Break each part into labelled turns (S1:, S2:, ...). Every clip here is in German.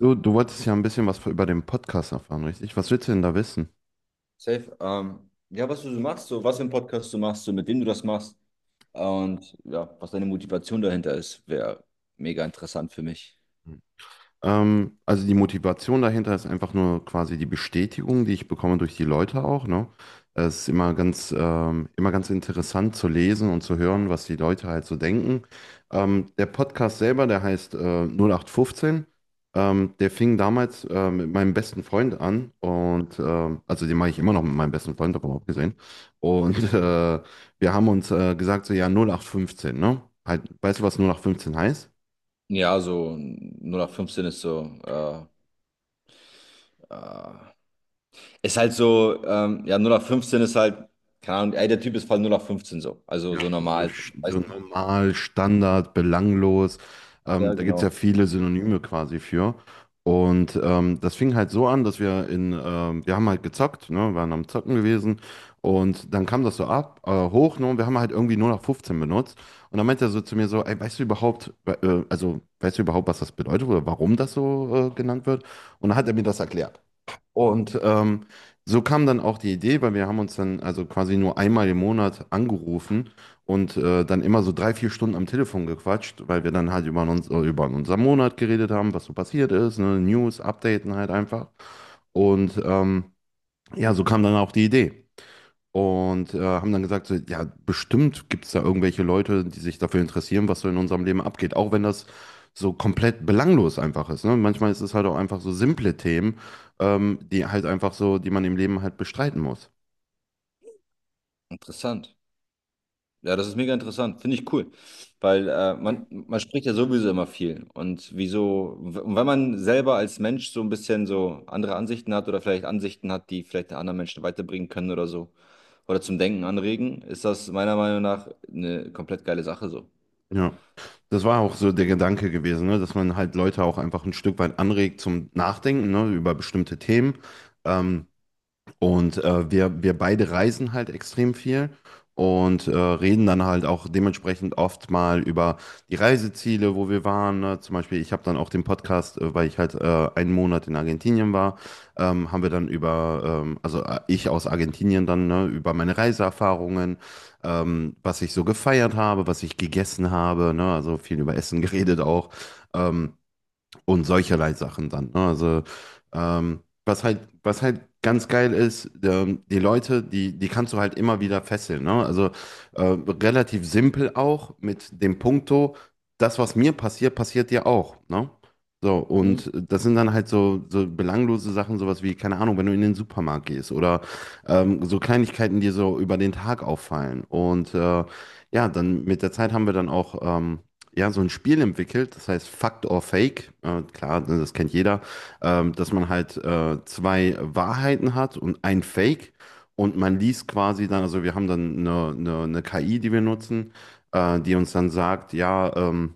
S1: Du wolltest ja ein bisschen was über den Podcast erfahren, richtig? Was willst du denn da wissen?
S2: Safe. Ja, was du so machst, so was für einen Podcast du machst, so mit wem du das machst und ja, was deine Motivation dahinter ist, wäre mega interessant für mich.
S1: Also die Motivation dahinter ist einfach nur quasi die Bestätigung, die ich bekomme durch die Leute auch, ne? Es ist immer ganz interessant zu lesen und zu hören, was die Leute halt so denken. Der Podcast selber, der heißt 0815. Der fing damals mit meinem besten Freund an und also den mache ich immer noch mit meinem besten Freund, aber auch gesehen. Und wir haben uns gesagt, so ja, 0815, ne? Halt, weißt du, was 0815 heißt?
S2: Ja, so null nach fünfzehn ist so, äh, ist halt so, ja, null nach fünfzehn ist halt, keine Ahnung, ey, der Typ ist voll null nach fünfzehn so, also
S1: Ja,
S2: so
S1: so,
S2: normal, so.
S1: so
S2: Weißt du?
S1: normal, Standard, belanglos.
S2: Ja,
S1: Da gibt es
S2: genau.
S1: ja viele Synonyme quasi für. Und das fing halt so an, dass wir haben halt gezockt, ne, waren am Zocken gewesen. Und dann kam das so hoch, ne, und wir haben halt irgendwie nur noch 15 benutzt. Und dann meinte er so zu mir so, ey, weißt du überhaupt, was das bedeutet oder warum das so genannt wird? Und dann hat er mir das erklärt. Und so kam dann auch die Idee, weil wir haben uns dann also quasi nur einmal im Monat angerufen und dann immer so 3, 4 Stunden am Telefon gequatscht, weil wir dann halt über unseren Monat geredet haben, was so passiert ist, ne? News, Updaten halt einfach. Und
S2: Mhm.
S1: ja, so kam dann auch die Idee. Und haben dann gesagt, so, ja, bestimmt gibt es da irgendwelche Leute, die sich dafür interessieren, was so in unserem Leben abgeht. Auch wenn das so komplett belanglos einfach ist. Ne? Manchmal ist es halt auch einfach so simple Themen, die halt einfach so, die man im Leben halt bestreiten muss.
S2: Interessant. Ja, das ist mega interessant. Finde ich cool. Weil man spricht ja sowieso immer viel. Und wieso, und wenn man selber als Mensch so ein bisschen so andere Ansichten hat oder vielleicht Ansichten hat, die vielleicht anderen Menschen weiterbringen können oder so, oder zum Denken anregen, ist das meiner Meinung nach eine komplett geile Sache so.
S1: Ja, das war auch so der Gedanke gewesen, ne? Dass man halt Leute auch einfach ein Stück weit anregt zum Nachdenken, ne? Über bestimmte Themen. Ähm, Und wir beide reisen halt extrem viel und reden dann halt auch dementsprechend oft mal über die Reiseziele, wo wir waren. Ne? Zum Beispiel, ich habe dann auch den Podcast, weil ich halt einen Monat in Argentinien war, haben wir dann über, ich aus Argentinien dann, ne, über meine Reiseerfahrungen, was ich so gefeiert habe, was ich gegessen habe, ne? Also viel über Essen geredet auch. Ähm, und solcherlei Sachen dann. Ne? Also was halt ganz geil ist, die Leute, die kannst du halt immer wieder fesseln. Ne? Also äh, relativ simpel auch mit dem Punkto, das, was mir passiert, passiert dir auch. Ne? So,
S2: Mhm.
S1: und das sind dann halt so, so belanglose Sachen, sowas wie, keine Ahnung, wenn du in den Supermarkt gehst oder so Kleinigkeiten, die so über den Tag auffallen. Und ja, dann mit der Zeit haben wir dann auch ja, so ein Spiel entwickelt, das heißt Fact or Fake. Klar, ne, das kennt jeder, dass man halt zwei Wahrheiten hat und ein Fake. Und man liest quasi dann, also wir haben dann eine KI, die wir nutzen, die uns dann sagt, ja, ähm,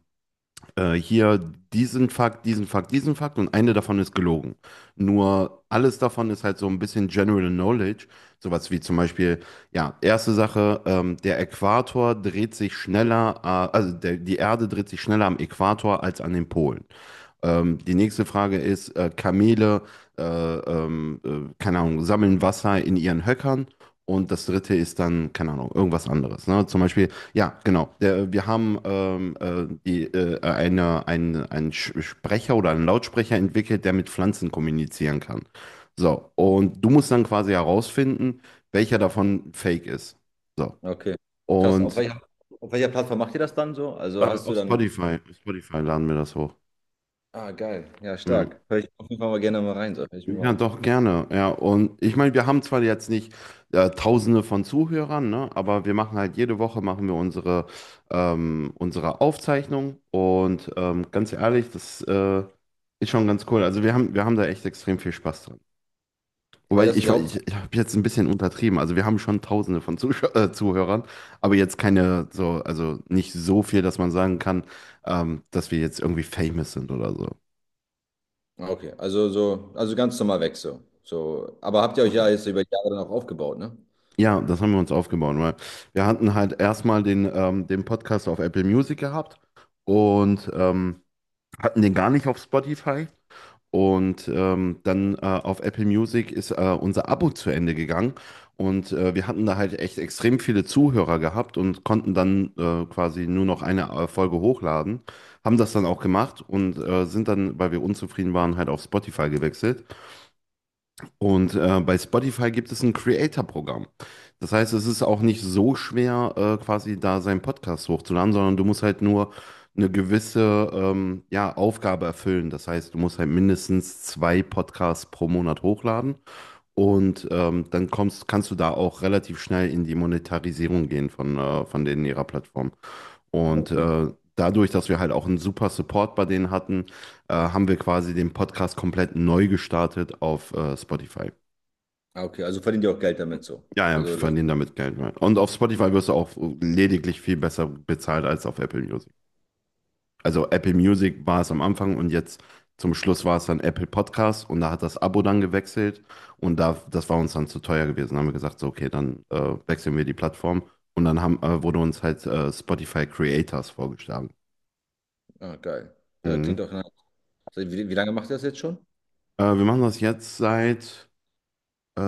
S1: äh, hier diesen Fakt, diesen Fakt, diesen Fakt und eine davon ist gelogen. Nur alles davon ist halt so ein bisschen General Knowledge. Sowas wie zum Beispiel, ja, erste Sache, der Äquator dreht sich schneller, die Erde dreht sich schneller am Äquator als an den Polen. Die nächste Frage ist, Kamele, keine Ahnung, sammeln Wasser in ihren Höckern. Und das dritte ist dann, keine Ahnung, irgendwas anderes. Ne? Zum Beispiel, ja, genau. Wir haben einen Sprecher oder einen Lautsprecher entwickelt, der mit Pflanzen kommunizieren kann. So, und du musst dann quasi herausfinden, welcher davon fake ist. So.
S2: Okay. Krass.
S1: Und
S2: Auf welcher Plattform macht ihr das dann so? Also hast du
S1: auf
S2: dann.
S1: Spotify, auf Spotify laden wir das hoch.
S2: Ah, geil. Ja,
S1: Ja.
S2: stark. Hör ich auf jeden Fall mal gerne mal rein, so. Hör ich mir mal
S1: Ja,
S2: an.
S1: doch, gerne. Ja, und ich meine, wir haben zwar jetzt nicht Tausende von Zuhörern, ne, aber wir machen halt jede Woche machen wir unsere Aufzeichnung und ganz ehrlich, das ist schon ganz cool. Also wir haben da echt extrem viel Spaß dran. Wobei
S2: Ey, das ist
S1: ich,
S2: die Hauptsache.
S1: ich, ich habe jetzt ein bisschen untertrieben. Also wir haben schon Tausende von Zusch Zuhörern, aber jetzt keine so, also nicht so viel, dass man sagen kann, dass wir jetzt irgendwie famous sind oder so.
S2: Ah, okay, also so, also ganz normal weg so. So, aber habt ihr euch ja jetzt über die Jahre dann auch aufgebaut, ne?
S1: Ja, das haben wir uns aufgebaut, weil wir hatten halt erstmal den Podcast auf Apple Music gehabt und hatten den gar nicht auf Spotify. Und dann auf Apple Music ist unser Abo zu Ende gegangen. Und wir hatten da halt echt extrem viele Zuhörer gehabt und konnten dann quasi nur noch eine Folge hochladen. Haben das dann auch gemacht und sind dann, weil wir unzufrieden waren, halt auf Spotify gewechselt. Und bei Spotify gibt es ein Creator-Programm. Das heißt, es ist auch nicht so schwer, quasi da seinen Podcast hochzuladen, sondern du musst halt nur eine gewisse ja, Aufgabe erfüllen. Das heißt, du musst halt mindestens zwei Podcasts pro Monat hochladen und dann kannst du da auch relativ schnell in die Monetarisierung gehen von denen ihrer Plattform.
S2: Ah,
S1: Und
S2: okay.
S1: dadurch, dass wir halt auch einen super Support bei denen hatten, haben wir quasi den Podcast komplett neu gestartet auf Spotify.
S2: Ah, okay, also verdient ihr auch Geld damit so.
S1: Ja, ja, wir
S2: Also das,
S1: verdienen damit Geld. Ja. Und auf Spotify wirst du auch lediglich viel besser bezahlt als auf Apple Music. Also Apple Music war es am Anfang und jetzt zum Schluss war es dann Apple Podcast und da hat das Abo dann gewechselt und da, das war uns dann zu teuer gewesen. Da haben wir gesagt, so, okay, dann wechseln wir die Plattform und dann wurde uns halt Spotify Creators vorgeschlagen.
S2: ah, geil. Ja, klingt
S1: Mhm.
S2: doch nice. Seit wie, wie lange macht ihr das jetzt schon?
S1: Wir machen das jetzt seit, äh,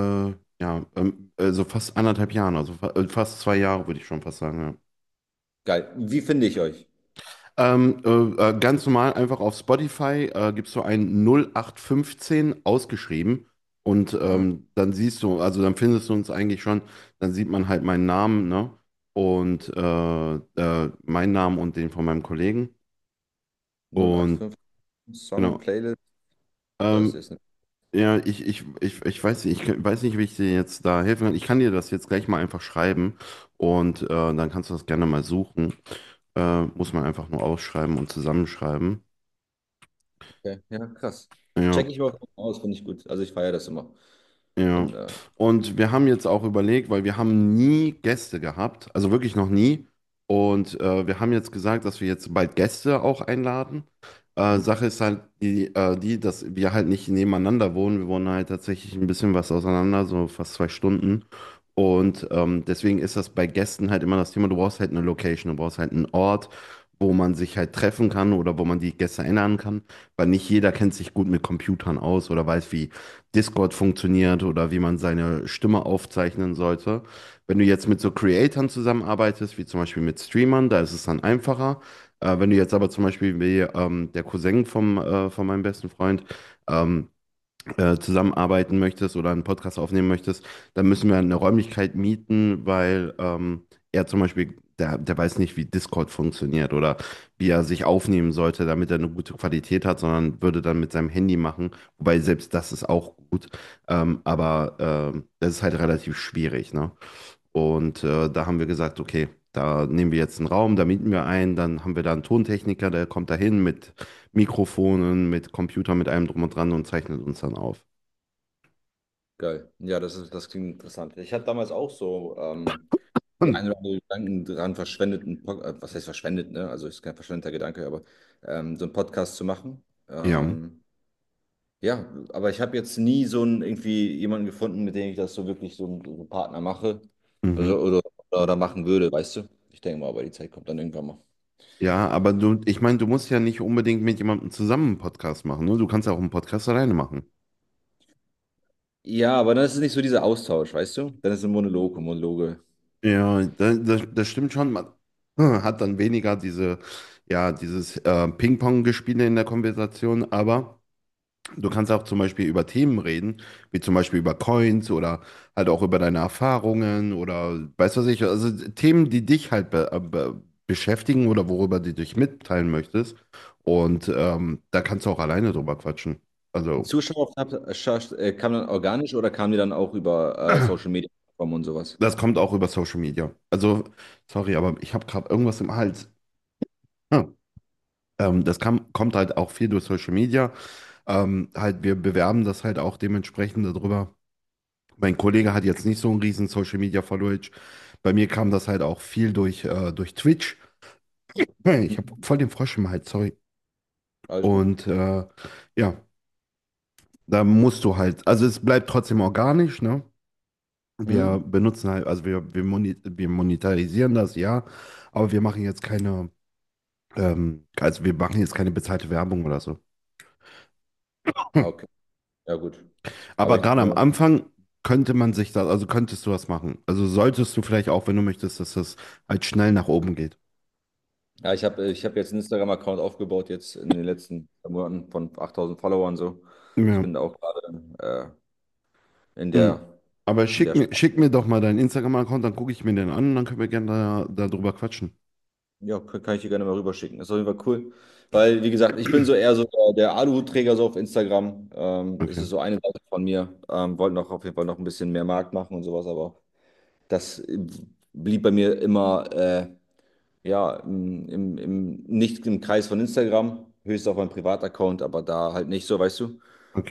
S1: ja, so fast anderthalb Jahren, also fa fast 2 Jahre, würde ich schon fast sagen, ja.
S2: Geil. Wie finde ich euch?
S1: Ganz normal einfach auf Spotify gibst du ein 0815 ausgeschrieben und
S2: Ah,
S1: dann siehst du, also dann findest du uns eigentlich schon, dann sieht man halt meinen Namen, ne? Und meinen Namen und den von meinem Kollegen. Und
S2: 085 Song
S1: genau.
S2: Playlist. Das
S1: Ähm,
S2: ist eine,
S1: ja, ich weiß nicht, weiß nicht, wie ich dir jetzt da helfen kann. Ich kann dir das jetzt gleich mal einfach schreiben und dann kannst du das gerne mal suchen. Muss man einfach nur ausschreiben und zusammenschreiben.
S2: okay. Ja, krass.
S1: Ja.
S2: Check ich mal aus, finde ich gut. Also ich feiere das immer.
S1: Ja,
S2: Wenn,
S1: und wir haben jetzt auch überlegt, weil wir haben nie Gäste gehabt, also wirklich noch nie. Und wir haben jetzt gesagt, dass wir jetzt bald Gäste auch einladen.
S2: mhm.
S1: Sache ist halt die, dass wir halt nicht nebeneinander wohnen. Wir wohnen halt tatsächlich ein bisschen was auseinander, so fast 2 Stunden. Und deswegen ist das bei Gästen halt immer das Thema, du brauchst halt eine Location, du brauchst halt einen Ort, wo man sich halt treffen kann oder wo man die Gäste einladen kann, weil nicht jeder kennt sich gut mit Computern aus oder weiß, wie Discord funktioniert oder wie man seine Stimme aufzeichnen sollte. Wenn du jetzt mit so Creatoren zusammenarbeitest, wie zum Beispiel mit Streamern, da ist es dann einfacher. Wenn du jetzt aber zum Beispiel wie der Cousin von meinem besten Freund, ähm, zusammenarbeiten möchtest oder einen Podcast aufnehmen möchtest, dann müssen wir eine Räumlichkeit mieten, weil er zum Beispiel, der weiß nicht, wie Discord funktioniert oder wie er sich aufnehmen sollte, damit er eine gute Qualität hat, sondern würde dann mit seinem Handy machen. Wobei selbst das ist auch gut, aber das ist halt relativ schwierig, ne? Und da haben wir gesagt, okay. Da nehmen wir jetzt einen Raum, da mieten wir einen, dann haben wir da einen Tontechniker, der kommt da hin mit Mikrofonen, mit Computer, mit allem drum und dran und zeichnet uns dann auf.
S2: Geil. Ja, das ist, das klingt interessant. Ich hatte damals auch so die
S1: Hm,
S2: ein oder andere Gedanken dran verschwendet, einen was heißt verschwendet, ne? Also ist kein verschwendeter Gedanke, aber so einen Podcast zu machen.
S1: Ja,
S2: Ähm, ja, aber ich habe jetzt nie so einen irgendwie jemanden gefunden, mit dem ich das so wirklich so einen Partner mache.
S1: mhm.
S2: Also oder machen würde, weißt du? Ich denke mal, aber die Zeit kommt dann irgendwann mal.
S1: Ja, aber du, ich meine, du musst ja nicht unbedingt mit jemandem zusammen einen Podcast machen, ne? Du kannst ja auch einen Podcast alleine machen.
S2: Ja, aber dann ist es nicht so dieser Austausch, weißt du? Dann ist es ein Monolog, und Monologe.
S1: Ja, das stimmt schon. Man hat dann weniger dieses Ping-Pong-Gespiele in der Konversation, aber. Du kannst auch zum Beispiel über Themen reden, wie zum Beispiel über Coins oder halt auch über deine Erfahrungen oder weißt du was ich, also Themen, die dich halt be be beschäftigen oder worüber du dich mitteilen möchtest. Und da kannst du auch alleine drüber quatschen.
S2: Die
S1: Also
S2: Zuschauer kam dann organisch oder kamen die dann auch über Social Media Plattformen und sowas?
S1: das kommt auch über Social Media. Also sorry, aber ich habe gerade irgendwas im Hals. Hm. Das kommt halt auch viel durch Social Media. Halt, wir bewerben das halt auch dementsprechend darüber. Mein Kollege hat jetzt nicht so einen riesen Social Media Followage. Bei mir kam das halt auch viel durch Twitch. Hey, ich habe
S2: Mhm.
S1: voll den Frosch im Hals, sorry.
S2: Alles gut.
S1: Und ja, da musst du halt, also es bleibt trotzdem organisch, ne? Wir
S2: Mhm.
S1: benutzen halt, also wir monetarisieren das, ja, aber wir machen jetzt keine, also wir machen jetzt keine bezahlte Werbung oder so.
S2: Ah,
S1: Hm.
S2: okay. Ja, gut. Aber
S1: Aber
S2: ich,
S1: gerade am Anfang könntest du das machen. Also solltest du vielleicht auch, wenn du möchtest, dass das halt schnell nach oben geht.
S2: ja, ich habe ich hab jetzt einen Instagram-Account aufgebaut, jetzt in den letzten Monaten von 8.000 Followern so. Ich bin
S1: Ja.
S2: da auch gerade in
S1: Mhm.
S2: der,
S1: Aber
S2: in
S1: schick
S2: der
S1: mir, schick
S2: Sprache.
S1: mir doch mal deinen Instagram-Account, dann gucke ich mir den an und dann können wir gerne da drüber quatschen.
S2: Ja, kann ich dir gerne mal rüberschicken. Ist auf jeden Fall cool. Weil, wie gesagt, ich bin so eher so der, der Aluhutträger so auf Instagram. Es
S1: Okay,
S2: ist so eine Seite von mir. Wollte noch auf jeden Fall noch ein bisschen mehr Markt machen und sowas, aber das blieb bei mir immer ja, im, im, im, nicht im Kreis von Instagram, höchstens auf meinem Privataccount, aber da halt nicht so, weißt du.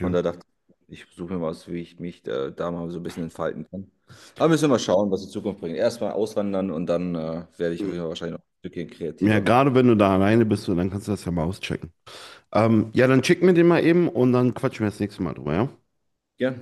S2: Und da dachte ich, ich suche mir was, wie ich mich da mal so ein bisschen entfalten kann. Aber müssen wir mal schauen, was die Zukunft bringt. Erstmal auswandern und dann werde ich auf
S1: Mhm.
S2: jeden Fall wahrscheinlich noch ein Stückchen
S1: Ja,
S2: kreativer.
S1: gerade wenn du da alleine bist, so, dann kannst du das ja mal auschecken. Ja, dann schick mir den mal eben und dann quatschen wir das nächste Mal drüber, ja?
S2: Ja.